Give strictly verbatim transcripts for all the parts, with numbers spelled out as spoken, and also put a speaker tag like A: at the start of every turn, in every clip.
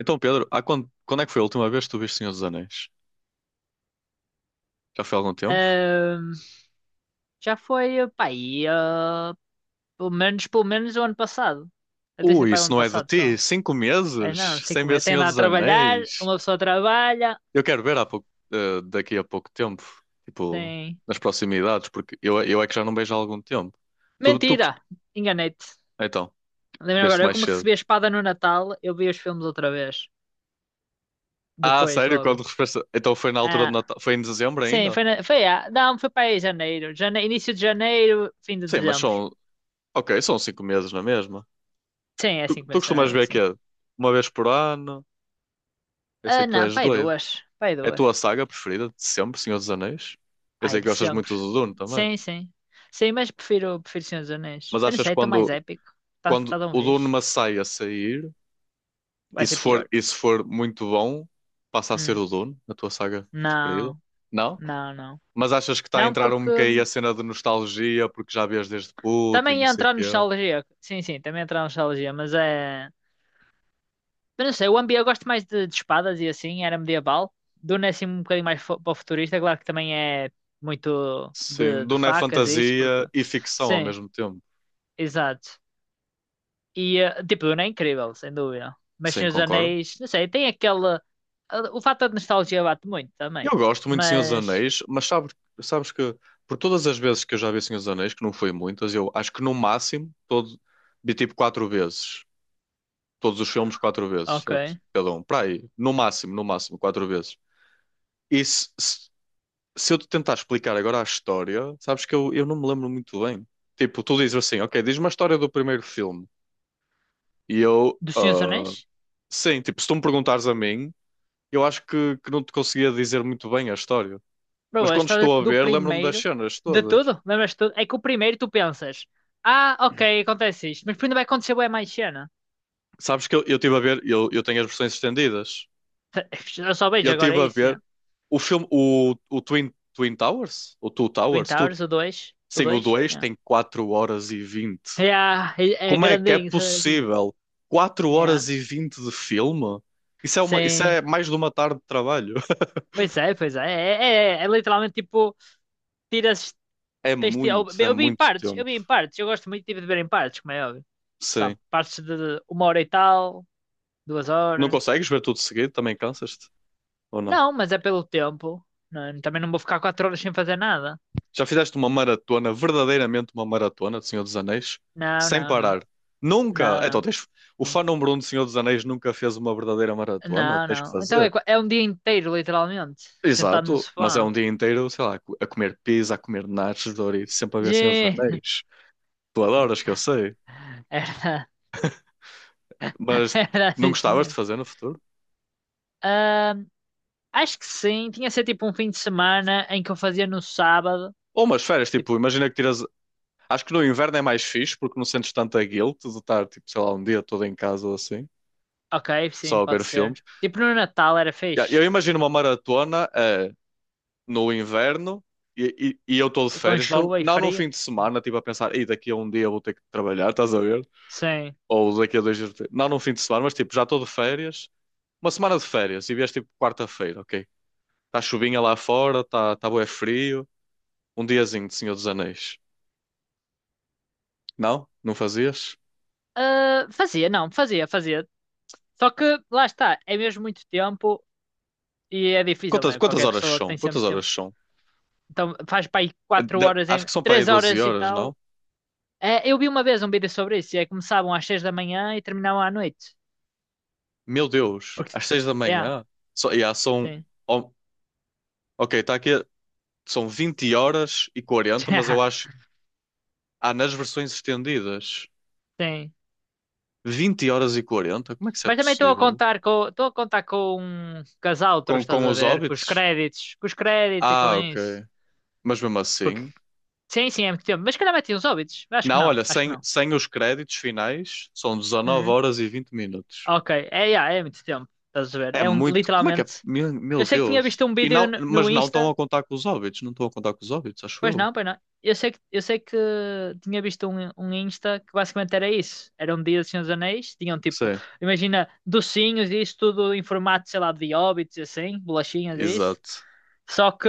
A: Então, Pedro, há quando, quando é que foi a última vez que tu viste Senhor dos Anéis? Já foi há algum tempo?
B: Ahm, Já foi, pá, aí, ah, pelo menos, pelo menos o ano passado. Até se
A: Ui,
B: pá, o
A: isso
B: ano
A: não é de
B: passado só.
A: ti? Cinco
B: Ai não,
A: meses sem
B: cinco
A: ver
B: meses. Tem de
A: Senhor
B: a
A: dos
B: trabalhar,
A: Anéis?
B: uma pessoa trabalha,
A: Eu quero ver há pouco, eh, daqui a pouco tempo, tipo,
B: tem.
A: nas proximidades, porque eu, eu é que já não vejo há algum tempo. Tu, tu,
B: Mentira!
A: cust-
B: Enganei-te.
A: então,
B: Lembro
A: veste
B: agora, eu
A: mais
B: como
A: cedo.
B: recebi a espada no Natal, eu vi os filmes outra vez.
A: Ah,
B: Depois,
A: sério? Quando
B: logo.
A: refresca- Então foi na altura de
B: Ah,
A: Natal? Foi em dezembro
B: sim,
A: ainda?
B: foi, na... foi, ah, não, foi para aí janeiro. Jane... Início de janeiro, fim de
A: Sim, mas
B: dezembro.
A: são, ok, são cinco meses na mesma.
B: Sim, é
A: Tu,
B: cinco
A: tu
B: meses na
A: costumas
B: mesma,
A: ver que
B: sim.
A: é uma vez por ano? Eu sei
B: Ah,
A: que tu
B: não,
A: és
B: pá, aí
A: doido.
B: duas. Pá, aí
A: É a
B: duas.
A: tua saga preferida de sempre, Senhor dos Anéis? Eu
B: Ah, é
A: sei que
B: de
A: gostas
B: sempre.
A: muito do Dune também,
B: Sim, sim. Sim, mas prefiro, prefiro Senhor dos Anéis.
A: mas
B: Eu não
A: achas
B: sei,
A: que
B: é tão mais
A: quando,
B: épico. Está tá tá
A: quando
B: de uma
A: o Dune
B: vez.
A: Messiah a sair, e
B: Vai ser
A: se for,
B: pior.
A: e se for muito bom, passa a ser
B: Hum.
A: o Dune, a tua saga preferida?
B: Não,
A: Não?
B: não, não.
A: Mas achas que está a
B: Não,
A: entrar um
B: porque
A: bocadinho a
B: hum,
A: cena de nostalgia, porque já vês desde puto e
B: também
A: não
B: ia
A: sei o
B: entrar
A: quê?
B: nostalgia. Sim, sim, também ia entrar nostalgia, mas é. Eu não sei, o Ambi eu gosto mais de, de espadas e assim, era medieval. Duna é assim um bocadinho mais fo- para o futurista, claro que também é muito
A: Sim,
B: de, de
A: Dune é
B: facas e isso, porque.
A: fantasia e ficção ao
B: Sim,
A: mesmo tempo.
B: exato. E, eh, tipo, Duna é incrível, sem dúvida. Mas
A: Sim,
B: Senhor dos
A: concordo.
B: Anéis, não sei, tem aquela. eh, O fator de nostalgia bate muito também.
A: Eu gosto muito de Senhor dos
B: Mas.
A: Anéis, mas sabes, sabes que por todas as vezes que eu já vi Senhor dos Anéis, que não foi muitas, eu acho que no máximo todo, vi tipo quatro vezes. Todos os filmes quatro vezes, sabes?
B: Ok.
A: Cada um. Para aí, no máximo, no máximo, quatro vezes. E se, se, se eu te tentar explicar agora a história, sabes que eu, eu não me lembro muito bem. Tipo, tu dizes assim, ok, diz-me a história do primeiro filme. E eu,
B: Do Senhor dos
A: ah,
B: Anéis?
A: sim, tipo, se tu me perguntares a mim, eu acho que, que não te conseguia dizer muito bem a história. Mas
B: Bro, a
A: quando
B: história
A: estou a
B: do
A: ver, lembro-me das
B: primeiro.
A: cenas
B: De
A: todas.
B: tudo, lembras de tudo? É que o primeiro tu pensas. Ah, ok, acontece isto. Mas ainda vai acontecer bem mais cena.
A: Sabes que eu eu estive a ver, eu, eu tenho as versões estendidas.
B: Eu só
A: Eu
B: vejo agora
A: estive a
B: isso,
A: ver
B: yeah.
A: o filme, o, o Twin, Twin Towers, o Two
B: Twin
A: Towers, tu,
B: Towers, o dois. O
A: sim, o
B: dois,
A: dois
B: yeah.
A: tem quatro horas e vinte.
B: Yeah, é é
A: Como é que é
B: grandinho, isso é grandinho.
A: possível quatro
B: Yeah.
A: horas e vinte de filme? Isso é, uma, isso
B: Sim.
A: é mais de uma tarde de trabalho.
B: Pois é, pois é. É, é, é literalmente tipo. Tiras.
A: É
B: tens de, eu,
A: muito, é
B: eu vi em
A: muito
B: partes, eu
A: tempo.
B: vi em partes, eu gosto muito tipo, de ver em partes, como é óbvio. Sabe,
A: Sim.
B: partes de uma hora e tal, duas
A: Não
B: horas.
A: consegues ver tudo seguido? Também cansas-te? Ou não?
B: Não, mas é pelo tempo. Não, é? Também não vou ficar quatro horas sem fazer nada.
A: Já fizeste uma maratona, verdadeiramente uma maratona de Senhor dos Anéis,
B: Não,
A: sem
B: não, não.
A: parar. Nunca.
B: Não,
A: Então,
B: não.
A: tens... o
B: Não,
A: fã número um de Senhor dos Anéis nunca fez uma verdadeira maratona.
B: não.
A: Tens que
B: Não. Então é,
A: fazer.
B: qua- é um dia inteiro, literalmente, sentado num
A: Exato, mas é um
B: sofá.
A: dia inteiro, sei lá, a comer pizza, a comer nachos, Doritos, sempre a ver Senhor dos
B: Gê.
A: Anéis. Tu adoras, que eu sei,
B: Era,
A: mas
B: era
A: não
B: assim,
A: gostavas de
B: senhor.
A: fazer no futuro?
B: Ahm, Acho que sim, tinha que ser tipo um fim de semana em que eu fazia no sábado.
A: Ou umas férias,
B: Tipo,
A: tipo, imagina que tiras. Acho que no inverno é mais fixe porque não sentes tanta guilt de estar, tipo, sei lá, um dia todo em casa ou assim,
B: ok, sim,
A: só a
B: pode
A: ver
B: ser.
A: filmes.
B: Tipo no Natal era
A: Ya, eu
B: fixe.
A: imagino uma maratona. No inverno e, e, e eu estou de
B: Com
A: férias, não,
B: chuva e
A: não num
B: frio.
A: fim de semana, tipo a pensar, e daqui a um dia vou ter que trabalhar, estás a ver?
B: Sim.
A: Ou daqui a dois dias, vou ter-" não num fim de semana, mas tipo, já estou de férias, uma semana de férias e vieste tipo quarta-feira, ok? Está chuvinha lá fora, está tá bué frio, um diazinho de Senhor dos Anéis. Não? Não fazias?
B: Ah, fazia, não, fazia, fazia. Só que lá está, é mesmo muito tempo e é difícil, não
A: Quantas,
B: é?
A: quantas
B: Qualquer
A: horas
B: pessoa
A: são?
B: tem
A: Quantas
B: sempre tempo.
A: horas são?
B: Então faz para aí
A: Eh,
B: quatro
A: da-
B: horas,
A: Acho
B: em,
A: que são para aí
B: três
A: 12
B: horas e
A: horas, não?
B: tal. É, eu vi uma vez um vídeo sobre isso, e é que começavam às seis da manhã e terminavam à noite.
A: Meu Deus,
B: Porque...
A: às seis da
B: É,
A: manhã? Só, yeah, são.
B: sim.
A: Oh, ok, está aqui. São vinte horas e quarenta, mas eu
B: Já
A: acho. Há nas versões estendidas
B: sim.
A: vinte horas e quarenta. Como é que isso é
B: Mas também estou a
A: possível?
B: contar com, estou a contar com um casal,
A: Com,
B: estás
A: com
B: a
A: os
B: ver? Com os
A: Hobbits?
B: créditos, com os créditos e com
A: Ah, ok.
B: isso.
A: Mas mesmo
B: Porque,
A: assim.
B: sim, sim, é muito tempo. Mas se calhar meti uns óbitos. Acho que
A: Não,
B: não,
A: olha,
B: acho que
A: sem,
B: não.
A: sem os créditos finais, são 19
B: Hum,
A: horas e vinte minutos.
B: ok, é, yeah, é muito tempo, estás a ver?
A: É
B: É um,
A: muito. Como é que é?
B: literalmente.
A: Meu,
B: Eu
A: meu
B: sei que tinha
A: Deus.
B: visto um
A: E
B: vídeo
A: não,
B: no,
A: mas
B: no
A: não estão
B: Insta,
A: a contar com os Hobbits, não estão a contar com os Hobbits, acho
B: pois
A: eu.
B: não, pois não. Eu sei que, eu sei que tinha visto um, um Insta que basicamente era isso. Era um dia dos Senhor dos Anéis, tinham tipo,
A: Sim,
B: imagina, docinhos e isso tudo em formato, sei lá, de hobbits e assim, bolachinhas e isso.
A: exato.
B: Só que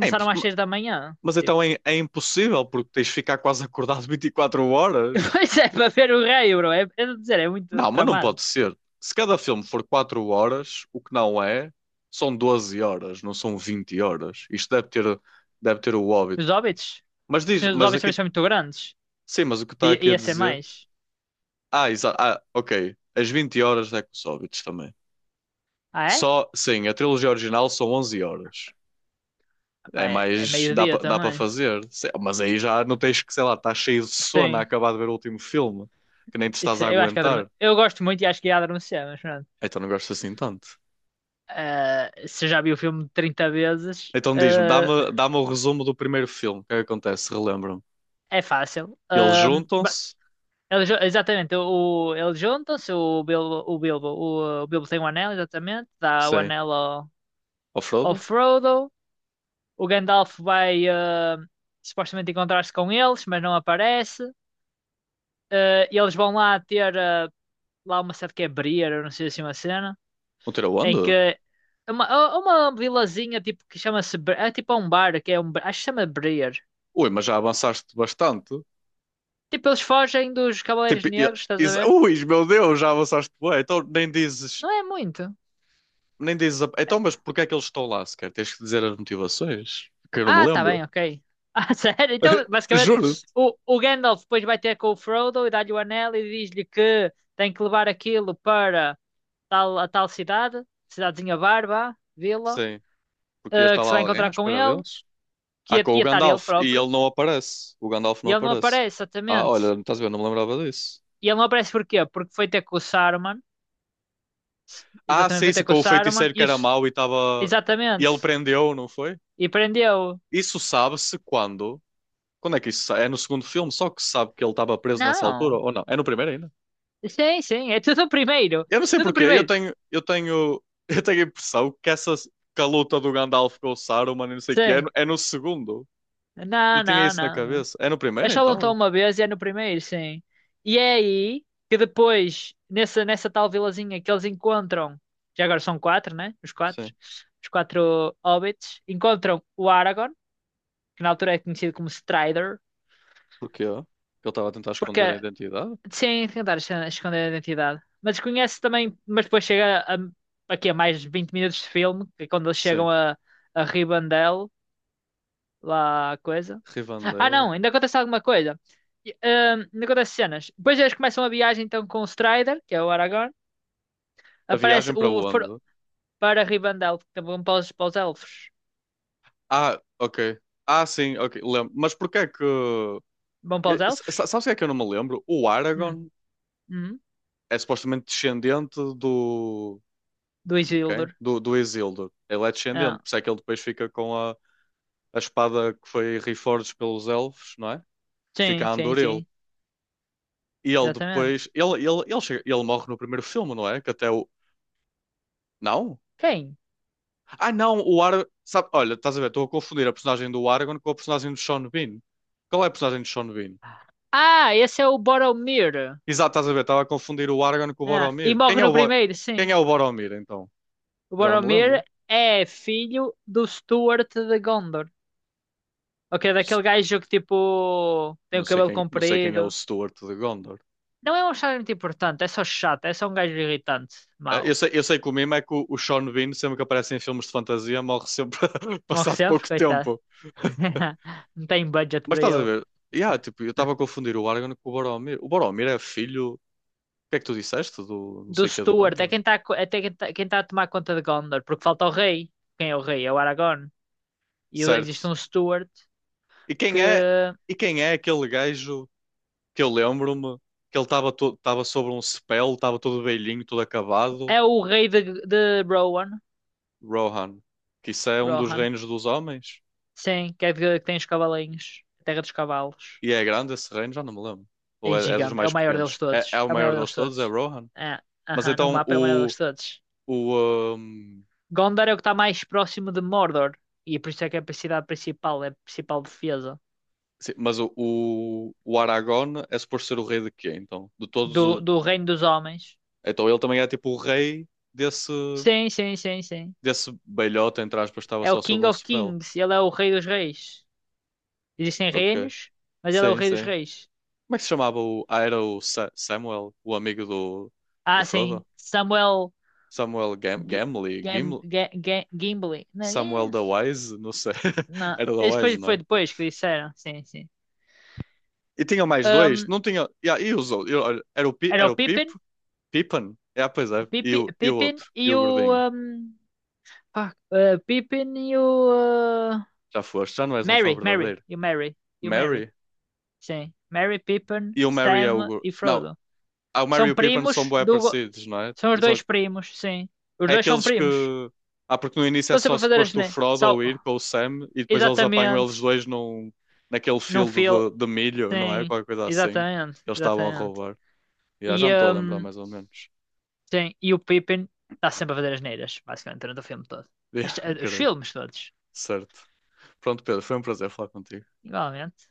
A: É impo-
B: às seis da manhã,
A: mas
B: tipo.
A: então é, é impossível, porque tens de ficar quase acordado vinte e quatro horas.
B: Pois é, para ver o rei, bro. É, é de dizer, é muito
A: Não, mas não
B: tramado.
A: pode ser. Se cada filme for quatro horas, o que não é, são doze horas, não são vinte horas. Isto deve ter, deve ter, o óbito.
B: Os hobbits,
A: Mas
B: os
A: diz,
B: Senhor dos
A: mas
B: hobbits também
A: aqui,
B: são muito grandes.
A: sim, mas o que
B: De
A: está aqui a
B: ia ser
A: dizer?
B: mais.
A: Ah, exato. Ah, ok. As vinte horas é com os óbitos também.
B: Ah, é?
A: Só, sim, a trilogia original são onze horas.
B: Pá,
A: É
B: é, é
A: mais, dá
B: meio-dia
A: para dá para
B: também.
A: fazer. Se- Mas aí já não tens que, sei lá, estás cheio de sono a
B: Sim.
A: acabar de ver o último filme, que nem te estás
B: Isso,
A: a
B: é, Eu acho que adorme...
A: aguentar.
B: eu gosto muito e acho que ia adormecer, mas pronto.
A: Então não gosto assim tanto.
B: Ah, se eu já vi o filme trinta vezes,
A: Então diz-me,
B: ah,
A: dá-me dá-me o resumo do primeiro filme. O que é que acontece? Relembro-me.
B: é fácil.
A: Eles
B: Ah, ba-
A: juntam-se.
B: ele ju- exatamente, o, eles juntam-se, o Bilbo, o Bilbo, o, o Bilbo tem o anel, exatamente, dá o
A: Sim.
B: anel ao,
A: Ao
B: ao
A: Frodo?
B: Frodo, o Gandalf vai ah, supostamente encontrar-se com eles, mas não aparece. Ah, e eles vão lá ter ah, lá uma certa que é Briar, eu não sei se é uma cena.
A: Não tira
B: Em que
A: onde?
B: é uma, é uma vilazinha tipo que chama-se Bre- é tipo um bar que é um bar- acho que se chama Breer.
A: Ui, mas já avançaste bastante.
B: Tipo, eles fogem dos Cavaleiros
A: Tipo, e-
B: Negros, estás a
A: isso-
B: ver?
A: ui, meu Deus, já avançaste bem. Então nem dizes.
B: Não é muito.
A: Nem dizes. a-
B: É,
A: Então, mas porque é que eles estão lá sequer? Tens que dizer as motivações. Que eu não me
B: ah, tá
A: lembro.
B: bem, ok. Ah, sério? Então, basicamente,
A: Juro.
B: o, o Gandalf depois vai ter com o Frodo e dá-lhe o anel e diz-lhe que tem que levar aquilo para tal, a tal cidade, cidadezinha Barba, Vila,
A: Sim. Porque
B: eh,
A: está
B: que se
A: lá
B: vai
A: alguém à
B: encontrar com
A: espera
B: ele,
A: deles.
B: que
A: Ah,
B: ia,
A: com o
B: ia estar ele
A: Gandalf. E
B: próprio,
A: ele não aparece. O Gandalf
B: e
A: não
B: ele não
A: aparece.
B: aparece,
A: Ah,
B: exatamente.
A: olha, estás a ver? Não me lembrava disso.
B: E ele não aparece porquê? Porque foi ter com o Saruman,
A: Ah,
B: exatamente,
A: sim,
B: foi
A: se
B: ter com o
A: com o
B: Saruman
A: feiticeiro que
B: e o...
A: era
B: S-
A: mau e estava. E
B: exatamente.
A: ele prendeu, não foi?
B: E prendeu.
A: Isso sabe-se quando. Quando é que isso? sa- É no segundo filme, só que se sabe que ele estava preso nessa altura
B: Não.
A: ou não? É no primeiro ainda?
B: Sim, sim, é tudo o primeiro.
A: Eu não sei
B: Tudo o
A: porquê, eu
B: primeiro.
A: tenho, eu tenho, eu tenho a impressão que essa que a luta do Gandalf com o Saruman e não sei o que é,
B: Sim.
A: no- é no segundo. Eu
B: Não,
A: tinha
B: não,
A: isso na
B: não, não.
A: cabeça. É no
B: É
A: primeiro
B: só lutam
A: então?
B: uma vez e é no primeiro, sim. E é aí que depois, nessa, nessa tal vilazinha que eles encontram, já agora são quatro, né? Os quatro.
A: Sim.
B: Os quatro hobbits. Encontram o Aragorn, que na altura é conhecido como Strider,
A: Porquê? Que ele estava a tentar
B: porque
A: esconder a identidade?
B: sim, tentar esconder esconder a identidade. Mas conhece também, mas depois chega a, aqui a mais vinte minutos de filme, que é quando eles
A: Sim.
B: chegam a, a Rivendell, lá a coisa. Ah
A: Rivendell.
B: não, ainda acontece alguma coisa. E, ahm, ainda acontece cenas. Depois eles começam a viagem então com o Strider, que é o Aragorn.
A: A
B: Aparece
A: viagem para
B: o
A: onde?
B: for- Para Rivendell, que vão para os, para os elfos.
A: Ah, ok. Ah, sim, ok. Lembro. Mas porquê é que
B: Vão para os
A: Eu- s-
B: elfos?
A: Sabes o que é que eu não me lembro? O
B: Hum,
A: Aragorn
B: hum,
A: é supostamente descendente do.
B: do
A: De quem?
B: Isildur.
A: Do, do Isildur. Ele é descendente,
B: Ah,
A: por isso é que ele depois fica com a, a espada que foi reforged pelos elfos, não é? Fica
B: sim,
A: a
B: sim,
A: Andoril.
B: sim.
A: E ele
B: Exatamente.
A: depois. Ele, ele, ele, chega- ele morre no primeiro filme, não é? Que até o. Não?
B: Quem?
A: Ah, não! O Aragorn. Sabe, olha, estás a ver? Estou a confundir a personagem do Aragorn com a personagem do Sean Bean. Qual é a personagem do Sean Bean?
B: Ah, esse é o Boromir.
A: Exato, estás a ver? Estava a confundir o Aragorn com o
B: É, e
A: Boromir. Quem
B: morre
A: é o,
B: no
A: Bo...
B: primeiro, sim.
A: Quem é o Boromir, então?
B: O
A: Já não me
B: Boromir
A: lembro.
B: é filho do Stuart de Gondor. Ok, daquele gajo que tipo tem
A: Não
B: o
A: sei
B: cabelo
A: quem, não sei quem é o
B: comprido.
A: Stuart de Gondor.
B: Não é um chá muito importante, é só chato, é só um gajo irritante,
A: Ah, Eu
B: mau.
A: sei, eu sei que o mimo é que o, o Sean Bean, sempre que aparece em filmes de fantasia, morre sempre
B: Morre
A: passado
B: sempre,
A: pouco
B: coitado.
A: tempo.
B: Não tem budget
A: Mas
B: para
A: estás a
B: ele.
A: ver? Yeah, tipo, eu estava a confundir o Aragorn com o Boromir. O Boromir é filho. O que é que tu disseste do não
B: Do
A: sei o que de
B: Stuart, é
A: Gondor?
B: quem está, é quem tá, quem tá a tomar conta de Gondor, porque falta o rei. Quem é o rei? É o Aragorn. E existe
A: Certo.
B: um Stuart
A: E
B: que
A: quem é, e quem é aquele gajo que eu lembro-me que ele estava to- estava sobre um spell, estava todo velhinho, todo acabado?
B: é o rei de, de Rohan.
A: Rohan. Que isso é um dos
B: Rohan.
A: reinos dos homens?
B: Sim, que é que tem os cavalinhos. A Terra dos Cavalos.
A: E é grande esse reino? Já não me lembro. Ou
B: É
A: é, é dos
B: gigante. É
A: mais
B: o maior deles
A: pequenos? É,
B: todos.
A: é o
B: É o maior
A: maior deles
B: deles
A: todos? É
B: todos.
A: Rohan?
B: É,
A: Mas
B: aham, no
A: então
B: mapa é o maior
A: o.
B: deles todos.
A: o hum,
B: Gondor é o que está mais próximo de Mordor. E é por isso é que é a cidade principal. É a principal defesa
A: sim, mas o, o, o Aragorn é suposto ser o rei de quê, então? De todos
B: do,
A: os.
B: do Reino dos Homens.
A: Então ele também é tipo o rei desse.
B: Sim, sim, sim, sim.
A: Desse belhota, entre aspas, estava
B: É o
A: só
B: King
A: sobre um
B: of
A: spell.
B: Kings. Ele é o Rei dos Reis. Existem
A: Ok.
B: reinos, mas ele é o
A: Sim,
B: Rei dos
A: sim.
B: Reis.
A: Como é que se chamava o. Ah, era o Sa- Samuel, o amigo do, do
B: Ah, sim.
A: Frodo?
B: Samuel
A: Samuel Gam
B: G
A: Gamley?
B: Gam
A: Gimli?
B: Ga- Ga- Gimli. Não,
A: Samuel
B: é?
A: da Wise? Não sei.
B: Não.
A: Era da
B: Esse
A: Wise,
B: foi,
A: não
B: foi
A: é?
B: depois que disseram, sim, sim.
A: E tinha mais dois?
B: Ahm,
A: Não tinha. E, ah, e os outros? Eu- olha, Era o, Pi-
B: Era
A: era
B: o
A: o
B: Pippin,
A: Pipo? Pippen é, pois é. E
B: Pippin,
A: o, e o
B: Pippin
A: outro?
B: e
A: E o
B: o.
A: gordinho?
B: ahm, pá, eh, Pippin e o. ah,
A: Já foste? Já não és um fã
B: Merry, Merry,
A: verdadeiro.
B: e o Merry, e o Merry.
A: Mary?
B: Sim. Merry, Pippin,
A: E o Mary é o.
B: Sam
A: gor-
B: e
A: Não,
B: Frodo.
A: ah, o Mary
B: São
A: e o Pippen são
B: primos
A: bué
B: do. go-
A: parecidos, não é?
B: São os
A: E são...
B: dois primos, sim. Os
A: É
B: dois são
A: aqueles que.
B: primos.
A: Ah, porque no início é
B: Estão
A: só
B: sempre a fazer as.
A: suposto o
B: ne-
A: Frodo
B: Só...
A: ou ir com o Sam e depois eles apanham eles
B: Exatamente.
A: dois num... naquele
B: Num
A: field de,
B: fio.
A: de milho, não é?
B: Sim,
A: Qualquer coisa assim.
B: exatamente,
A: Que eles estavam a
B: exatamente.
A: roubar. Yeah, já
B: E.
A: me estou a lembrar
B: ahm,
A: mais ou menos.
B: Sim, e o Pippin está sempre a fazer as neiras, basicamente, durante o filme todo.
A: Yeah,
B: As- eh, os
A: acredito.
B: filmes todos,
A: Certo. Pronto, Pedro, foi um prazer falar contigo.
B: igualmente.